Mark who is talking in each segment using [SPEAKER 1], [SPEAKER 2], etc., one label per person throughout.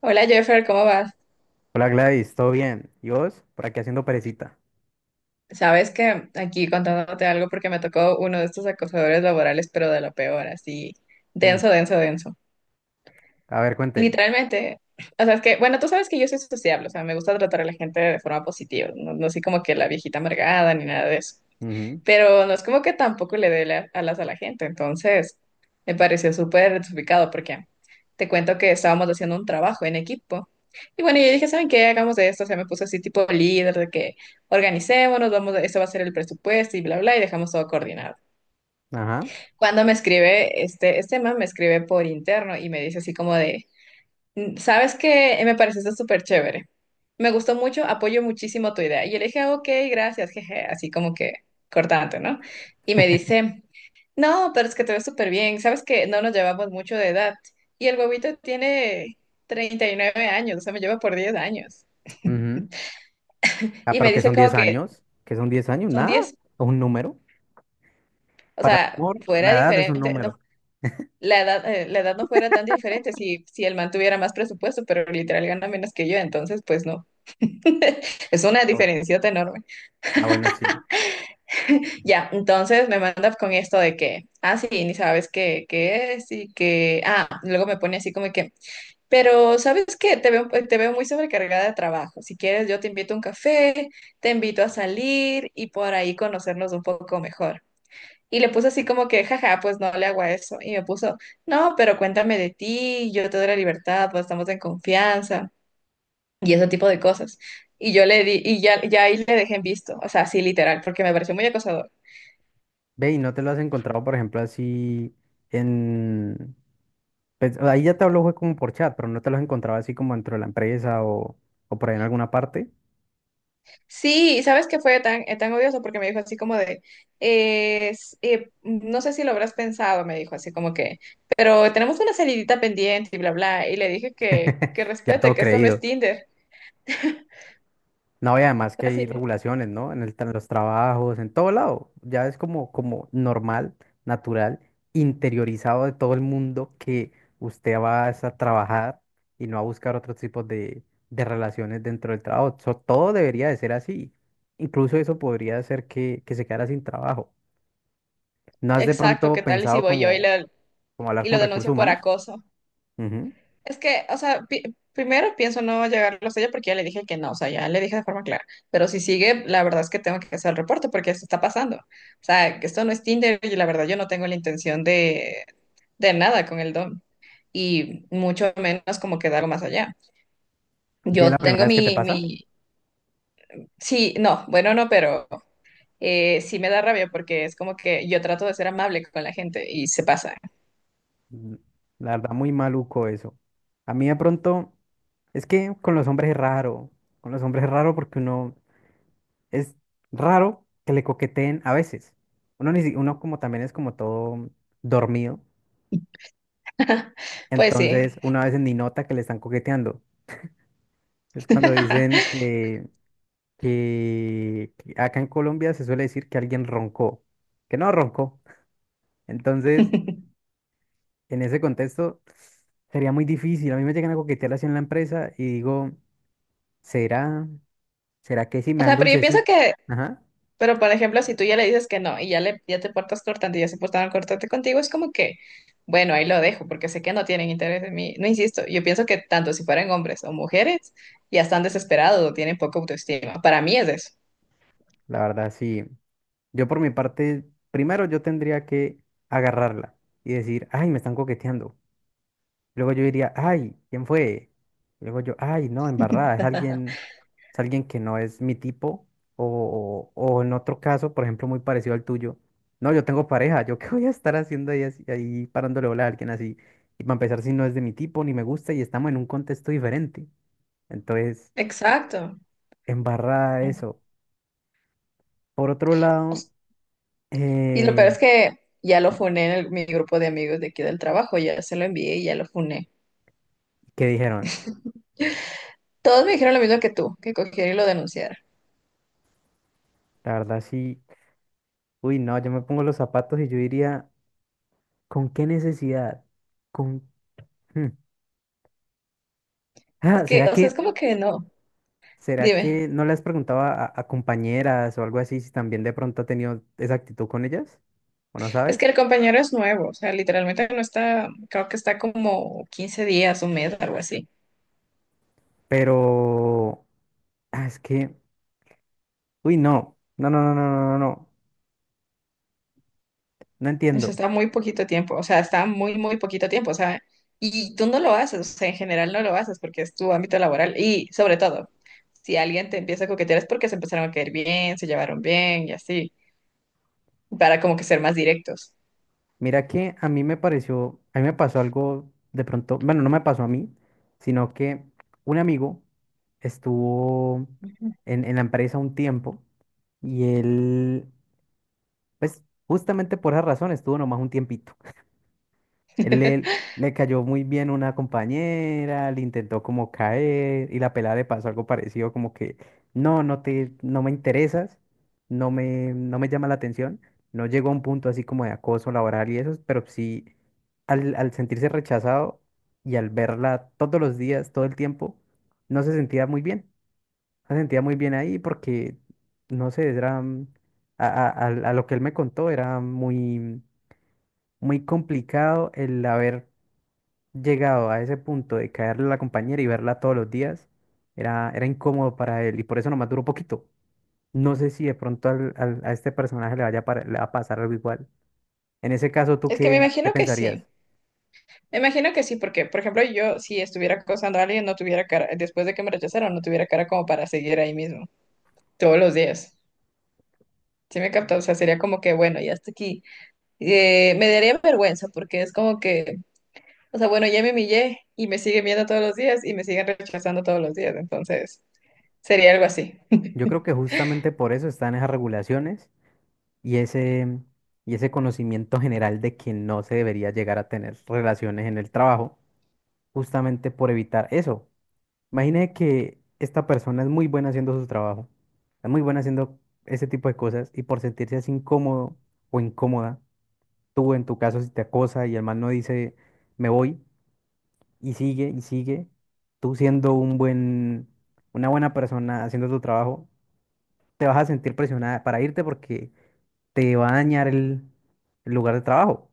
[SPEAKER 1] Hola Jeffer, ¿cómo vas?
[SPEAKER 2] Hola Gladys, ¿todo bien? ¿Y vos? Por aquí haciendo perecita.
[SPEAKER 1] Sabes que aquí contándote algo porque me tocó uno de estos acosadores laborales, pero de lo peor, así,
[SPEAKER 2] Mm.
[SPEAKER 1] denso, denso, denso.
[SPEAKER 2] A ver, cuente.
[SPEAKER 1] Literalmente, o sea, es que, bueno, tú sabes que yo soy sociable, o sea, me gusta tratar a la gente de forma positiva, no, no soy como que la viejita amargada ni nada de eso.
[SPEAKER 2] Ujú.
[SPEAKER 1] Pero no es como que tampoco le dé alas a la gente, entonces me pareció súper desubicado porque te cuento que estábamos haciendo un trabajo en equipo. Y bueno, yo dije, ¿saben qué? Hagamos de esto, o sea, me puse así tipo líder de que organicémonos, vamos, este va a ser el presupuesto y bla, bla, y dejamos todo coordinado.
[SPEAKER 2] Ajá.
[SPEAKER 1] Cuando me escribe, este man me escribe por interno y me dice así como de, mm, sabes que me parece pareció súper chévere. Me gustó mucho, apoyo muchísimo tu idea. Y yo le dije, ok, gracias, jeje, así como que cortante, ¿no? Y me dice, no, pero es que te ves súper bien. Sabes que no nos llevamos mucho de edad. Y el huevito tiene 39 años, o sea, me lleva por 10 años.
[SPEAKER 2] Ujú. Ah,
[SPEAKER 1] Y
[SPEAKER 2] pero
[SPEAKER 1] me
[SPEAKER 2] ¿qué
[SPEAKER 1] dice
[SPEAKER 2] son
[SPEAKER 1] como
[SPEAKER 2] 10
[SPEAKER 1] que
[SPEAKER 2] años? ¿Qué son 10 años?
[SPEAKER 1] son
[SPEAKER 2] Nada. Es
[SPEAKER 1] 10,
[SPEAKER 2] un número.
[SPEAKER 1] o
[SPEAKER 2] Para el
[SPEAKER 1] sea,
[SPEAKER 2] amor, la
[SPEAKER 1] fuera
[SPEAKER 2] edad es un
[SPEAKER 1] diferente, no,
[SPEAKER 2] número.
[SPEAKER 1] la edad no fuera tan diferente si el man tuviera más presupuesto, pero literal gana menos que yo, entonces pues no. Es una
[SPEAKER 2] Ah, bueno,
[SPEAKER 1] diferencia enorme.
[SPEAKER 2] ah, bueno, sí.
[SPEAKER 1] Ya, entonces me manda con esto de que, ah, sí, ni sabes qué, es y que, ah, luego me pone así como que, pero ¿sabes qué? Te veo muy sobrecargada de trabajo. Si quieres, yo te invito a un café, te invito a salir y por ahí conocernos un poco mejor. Y le puse así como que, jaja, pues no le hago a eso. Y me puso, no, pero cuéntame de ti, yo te doy la libertad, pues estamos en confianza y ese tipo de cosas. Y yo le di, y ya, ya ahí le dejé en visto, o sea, sí, literal, porque me pareció muy acosador.
[SPEAKER 2] Ve, ¿y no te lo has encontrado, por ejemplo, así en... pues, ahí ya te hablo fue como por chat, pero no te lo has encontrado así como dentro de la empresa o por ahí en alguna parte.
[SPEAKER 1] Sí, y ¿sabes que fue tan, tan odioso? Porque me dijo así como de, no sé si lo habrás pensado, me dijo así como que, pero tenemos una salidita pendiente y bla, bla, y le dije que,
[SPEAKER 2] Ya
[SPEAKER 1] respete,
[SPEAKER 2] todo
[SPEAKER 1] que esto no es
[SPEAKER 2] creído.
[SPEAKER 1] Tinder.
[SPEAKER 2] No, y además que
[SPEAKER 1] Así,
[SPEAKER 2] hay regulaciones, ¿no? Los trabajos, en todo lado. Ya es como, normal, natural, interiorizado de todo el mundo que usted va es a trabajar y no a buscar otros tipos de relaciones dentro del trabajo. So, todo debería de ser así. Incluso eso podría hacer que se quedara sin trabajo. ¿No has de
[SPEAKER 1] exacto,
[SPEAKER 2] pronto
[SPEAKER 1] ¿qué tal? Y si
[SPEAKER 2] pensado
[SPEAKER 1] voy yo
[SPEAKER 2] como, como hablar
[SPEAKER 1] y lo
[SPEAKER 2] con recursos
[SPEAKER 1] denuncio por
[SPEAKER 2] humanos?
[SPEAKER 1] acoso.
[SPEAKER 2] Ujú.
[SPEAKER 1] Es que, o sea, primero pienso no llegarlo a ella porque ya le dije que no, o sea, ya le dije de forma clara. Pero si sigue, la verdad es que tengo que hacer el reporte porque esto está pasando. O sea, que esto no es Tinder y la verdad yo no tengo la intención de, nada con el don y mucho menos como quedar más allá.
[SPEAKER 2] ¿Ve
[SPEAKER 1] Yo
[SPEAKER 2] la primera
[SPEAKER 1] tengo
[SPEAKER 2] vez que te
[SPEAKER 1] mi,
[SPEAKER 2] pasa?
[SPEAKER 1] mi, sí, no, bueno, no, pero sí me da rabia porque es como que yo trato de ser amable con la gente y se pasa.
[SPEAKER 2] Mm, La verdad, muy maluco eso. A mí de pronto, es que con los hombres es raro. Con los hombres es raro porque uno es raro que le coqueteen a veces. Uno, ni, si- uno como también es como todo dormido.
[SPEAKER 1] Pues sí.
[SPEAKER 2] Entonces, uno a veces ni nota que le están coqueteando. Es cuando dicen que, que acá en Colombia se suele decir que alguien roncó, que no roncó. Entonces, en ese contexto, sería muy difícil. A mí me llegan a coquetear así en la empresa y digo. ¿Será? ¿Será que sí
[SPEAKER 1] O
[SPEAKER 2] me dan
[SPEAKER 1] sea, pero yo pienso
[SPEAKER 2] dulcecito?
[SPEAKER 1] que,
[SPEAKER 2] Ajá,
[SPEAKER 1] pero, por ejemplo, si tú ya le dices que no y ya, le, ya te portas cortante y ya se portaron cortante contigo, es como que, bueno, ahí lo dejo porque sé que no tienen interés en mí. No insisto, yo pienso que tanto si fueran hombres o mujeres, ya están desesperados o tienen poca autoestima. Para mí es eso.
[SPEAKER 2] la verdad sí. Yo por mi parte, primero yo tendría que agarrarla y decir, ay, me están coqueteando. Luego yo diría, ay, ¿quién fue? Luego yo, ay, no, embarrada, es alguien que no es mi tipo. O en otro caso, por ejemplo, muy parecido al tuyo. No, yo tengo pareja, ¿yo qué voy a estar haciendo ahí parándole bola a alguien así? Y para empezar, si no es de mi tipo, ni me gusta, y estamos en un contexto diferente. Entonces...
[SPEAKER 1] Exacto.
[SPEAKER 2] Embarrada
[SPEAKER 1] Mm.
[SPEAKER 2] eso. Por otro lado,
[SPEAKER 1] Y lo peor
[SPEAKER 2] eh,
[SPEAKER 1] es que ya lo funé en mi grupo de amigos de aquí del trabajo, ya se lo envié y ya lo funé.
[SPEAKER 2] ¿qué dijeron?
[SPEAKER 1] Todos me dijeron lo mismo que tú, que cogiera y lo denunciara.
[SPEAKER 2] La verdad sí, uy, no, yo me pongo los zapatos y yo diría, ¿con qué necesidad? ¿Con... hmm.
[SPEAKER 1] Es
[SPEAKER 2] Ah,
[SPEAKER 1] que,
[SPEAKER 2] ¿será
[SPEAKER 1] o sea,
[SPEAKER 2] que,
[SPEAKER 1] es como que no.
[SPEAKER 2] será
[SPEAKER 1] Dime.
[SPEAKER 2] que no les preguntaba a compañeras o algo así si también de pronto ha tenido esa actitud con ellas? ¿O no
[SPEAKER 1] Es que
[SPEAKER 2] sabes?
[SPEAKER 1] el compañero es nuevo, o sea, literalmente no está, creo que está como 15 días, un mes, algo así.
[SPEAKER 2] Pero, ah, es que, uy, no, no, no, no, no, no, no, no, no
[SPEAKER 1] O sea,
[SPEAKER 2] entiendo.
[SPEAKER 1] está muy poquito tiempo, o sea, está muy, muy poquito tiempo, o sea, y tú no lo haces, o sea, en general no lo haces porque es tu ámbito laboral y sobre todo, si alguien te empieza a coquetear es porque se empezaron a caer bien, se llevaron bien y así, para como que ser más directos.
[SPEAKER 2] Mira que a mí me pasó algo de pronto, bueno, no me pasó a mí, sino que un amigo estuvo
[SPEAKER 1] Ujú.
[SPEAKER 2] en la empresa un tiempo y él, pues justamente por esa razón estuvo nomás un tiempito. Él le, le cayó muy bien una compañera, le intentó como caer y la pelada le pasó algo parecido como que no, no me interesas, no me llama la atención. No llegó a un punto así como de acoso laboral y eso, pero sí al sentirse rechazado y al verla todos los días, todo el tiempo, no se sentía muy bien. No se sentía muy bien ahí porque, no sé, era a lo que él me contó, era muy muy complicado el haber llegado a ese punto de caerle a la compañera y verla todos los días, era incómodo para él y por eso nomás duró poquito. No sé si de pronto a este personaje le va a pasar algo igual. En ese caso, ¿tú
[SPEAKER 1] Es que me
[SPEAKER 2] qué,
[SPEAKER 1] imagino que sí.
[SPEAKER 2] pensarías?
[SPEAKER 1] Me imagino que sí, porque, por ejemplo, yo si estuviera acosando a alguien, no tuviera cara, después de que me rechazaron, no tuviera cara como para seguir ahí mismo, todos los días. ¿Sí me capta? O sea, sería como que, bueno, ya hasta aquí. Me daría vergüenza porque es como que, o sea, bueno, ya me humillé y me siguen viendo todos los días y me siguen rechazando todos los días. Entonces, sería algo así.
[SPEAKER 2] Yo creo que justamente por eso están esas regulaciones y ese, y ese conocimiento general de que no se debería llegar a tener relaciones en el trabajo, justamente por evitar eso. Imagine que esta persona es muy buena haciendo su trabajo, es muy buena haciendo ese tipo de cosas y por sentirse así incómodo o incómoda, tú en tu caso si te acosa y el man no dice me voy y sigue, tú siendo un buen, una buena persona haciendo tu trabajo, te vas a sentir presionada para irte porque te va a dañar el lugar de trabajo.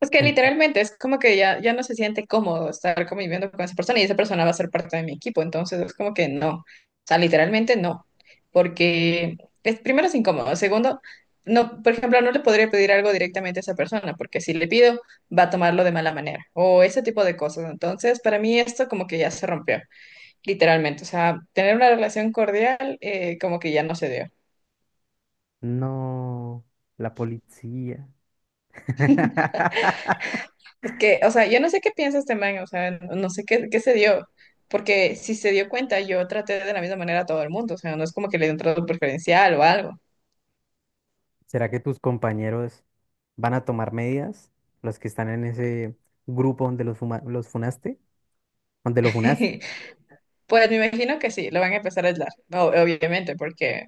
[SPEAKER 1] Es que
[SPEAKER 2] En-
[SPEAKER 1] literalmente es como que ya, ya no se siente cómodo estar conviviendo con esa persona y esa persona va a ser parte de mi equipo. Entonces es como que no. O sea, literalmente no. Porque es, primero es incómodo. Segundo, no, por ejemplo, no le podría pedir algo directamente a esa persona porque si le pido va a tomarlo de mala manera o ese tipo de cosas. Entonces, para mí esto como que ya se rompió, literalmente. O sea, tener una relación cordial, como que ya no se dio.
[SPEAKER 2] no, la policía.
[SPEAKER 1] Es que, o sea, yo no sé qué piensa este man, o sea, no sé qué, se dio, porque si se dio cuenta, yo traté de la misma manera a todo el mundo, o sea, no es como que le dio un trato preferencial o algo.
[SPEAKER 2] ¿Será que tus compañeros van a tomar medidas? Los que están en ese grupo donde los funaste, donde lo funaste.
[SPEAKER 1] Pues me imagino que sí, lo van a empezar a aislar, no, obviamente, porque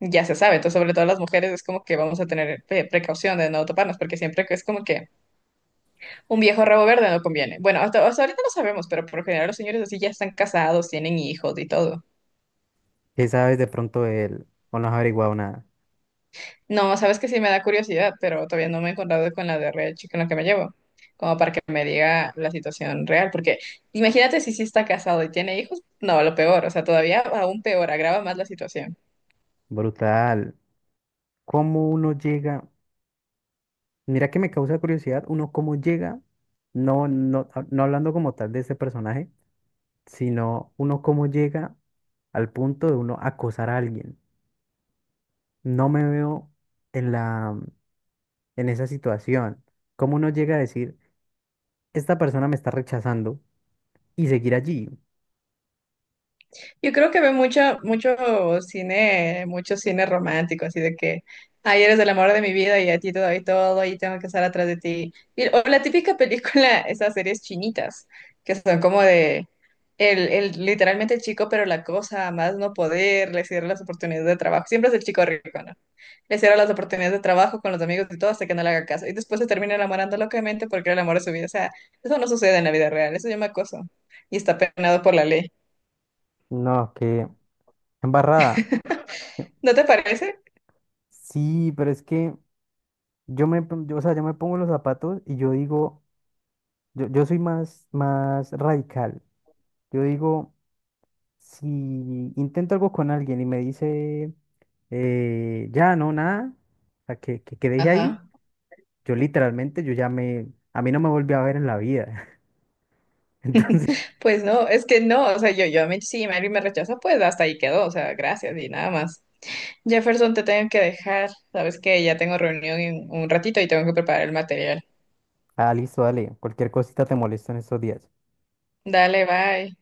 [SPEAKER 1] ya se sabe, entonces sobre todo las mujeres es como que vamos a tener precaución de no toparnos, porque siempre que es como que un viejo rabo verde no conviene. Bueno, hasta, hasta ahorita no sabemos, pero por lo general los señores así ya están casados, tienen hijos y todo.
[SPEAKER 2] ¿Qué sabes de pronto de él? O no has averiguado nada.
[SPEAKER 1] No, sabes que sí me da curiosidad, pero todavía no me he encontrado con la de real Chick con la que me llevo, como para que me diga la situación real, porque imagínate si sí está casado y tiene hijos, no, lo peor, o sea, todavía aún peor, agrava más la situación.
[SPEAKER 2] Brutal. ¿Cómo uno llega? Mira que me causa curiosidad, uno cómo llega, no hablando como tal de ese personaje, sino uno cómo llega al punto de uno acosar a alguien. No me veo en la, en esa situación. ¿Cómo uno llega a decir, esta persona me está rechazando? Y seguir allí.
[SPEAKER 1] Yo creo que ve mucho, mucho cine romántico, así de que, ay, eres el amor de mi vida y a ti te doy todo y tengo que estar atrás de ti. O la típica película, esas series chinitas, que son como de, literalmente el chico, pero la cosa, a más no poder, le cierra las oportunidades de trabajo. Siempre es el chico rico, ¿no? Le cierra las oportunidades de trabajo con los amigos y todo hasta que no le haga caso. Y después se termina enamorando locamente porque era el amor de su vida. O sea, eso no sucede en la vida real, eso se llama acoso y está penado por la ley.
[SPEAKER 2] No, qué embarrada.
[SPEAKER 1] ¿No te parece?
[SPEAKER 2] Sí, pero es que yo, o sea, yo me pongo los zapatos y yo digo, yo soy más, radical. Yo digo, si intento algo con alguien y me dice, ya, no, nada, o sea, que, que deje ahí,
[SPEAKER 1] Ajá.
[SPEAKER 2] yo literalmente, a mí no me volví a ver en la vida. Entonces,
[SPEAKER 1] Pues no, es que no, o sea, si Mary me rechaza, pues hasta ahí quedó, o sea, gracias y nada más. Jefferson, te tengo que dejar, sabes que ya tengo reunión en un ratito y tengo que preparar el material.
[SPEAKER 2] ah, listo, dale, cualquier cosita te molesto en estos días.
[SPEAKER 1] Dale, bye.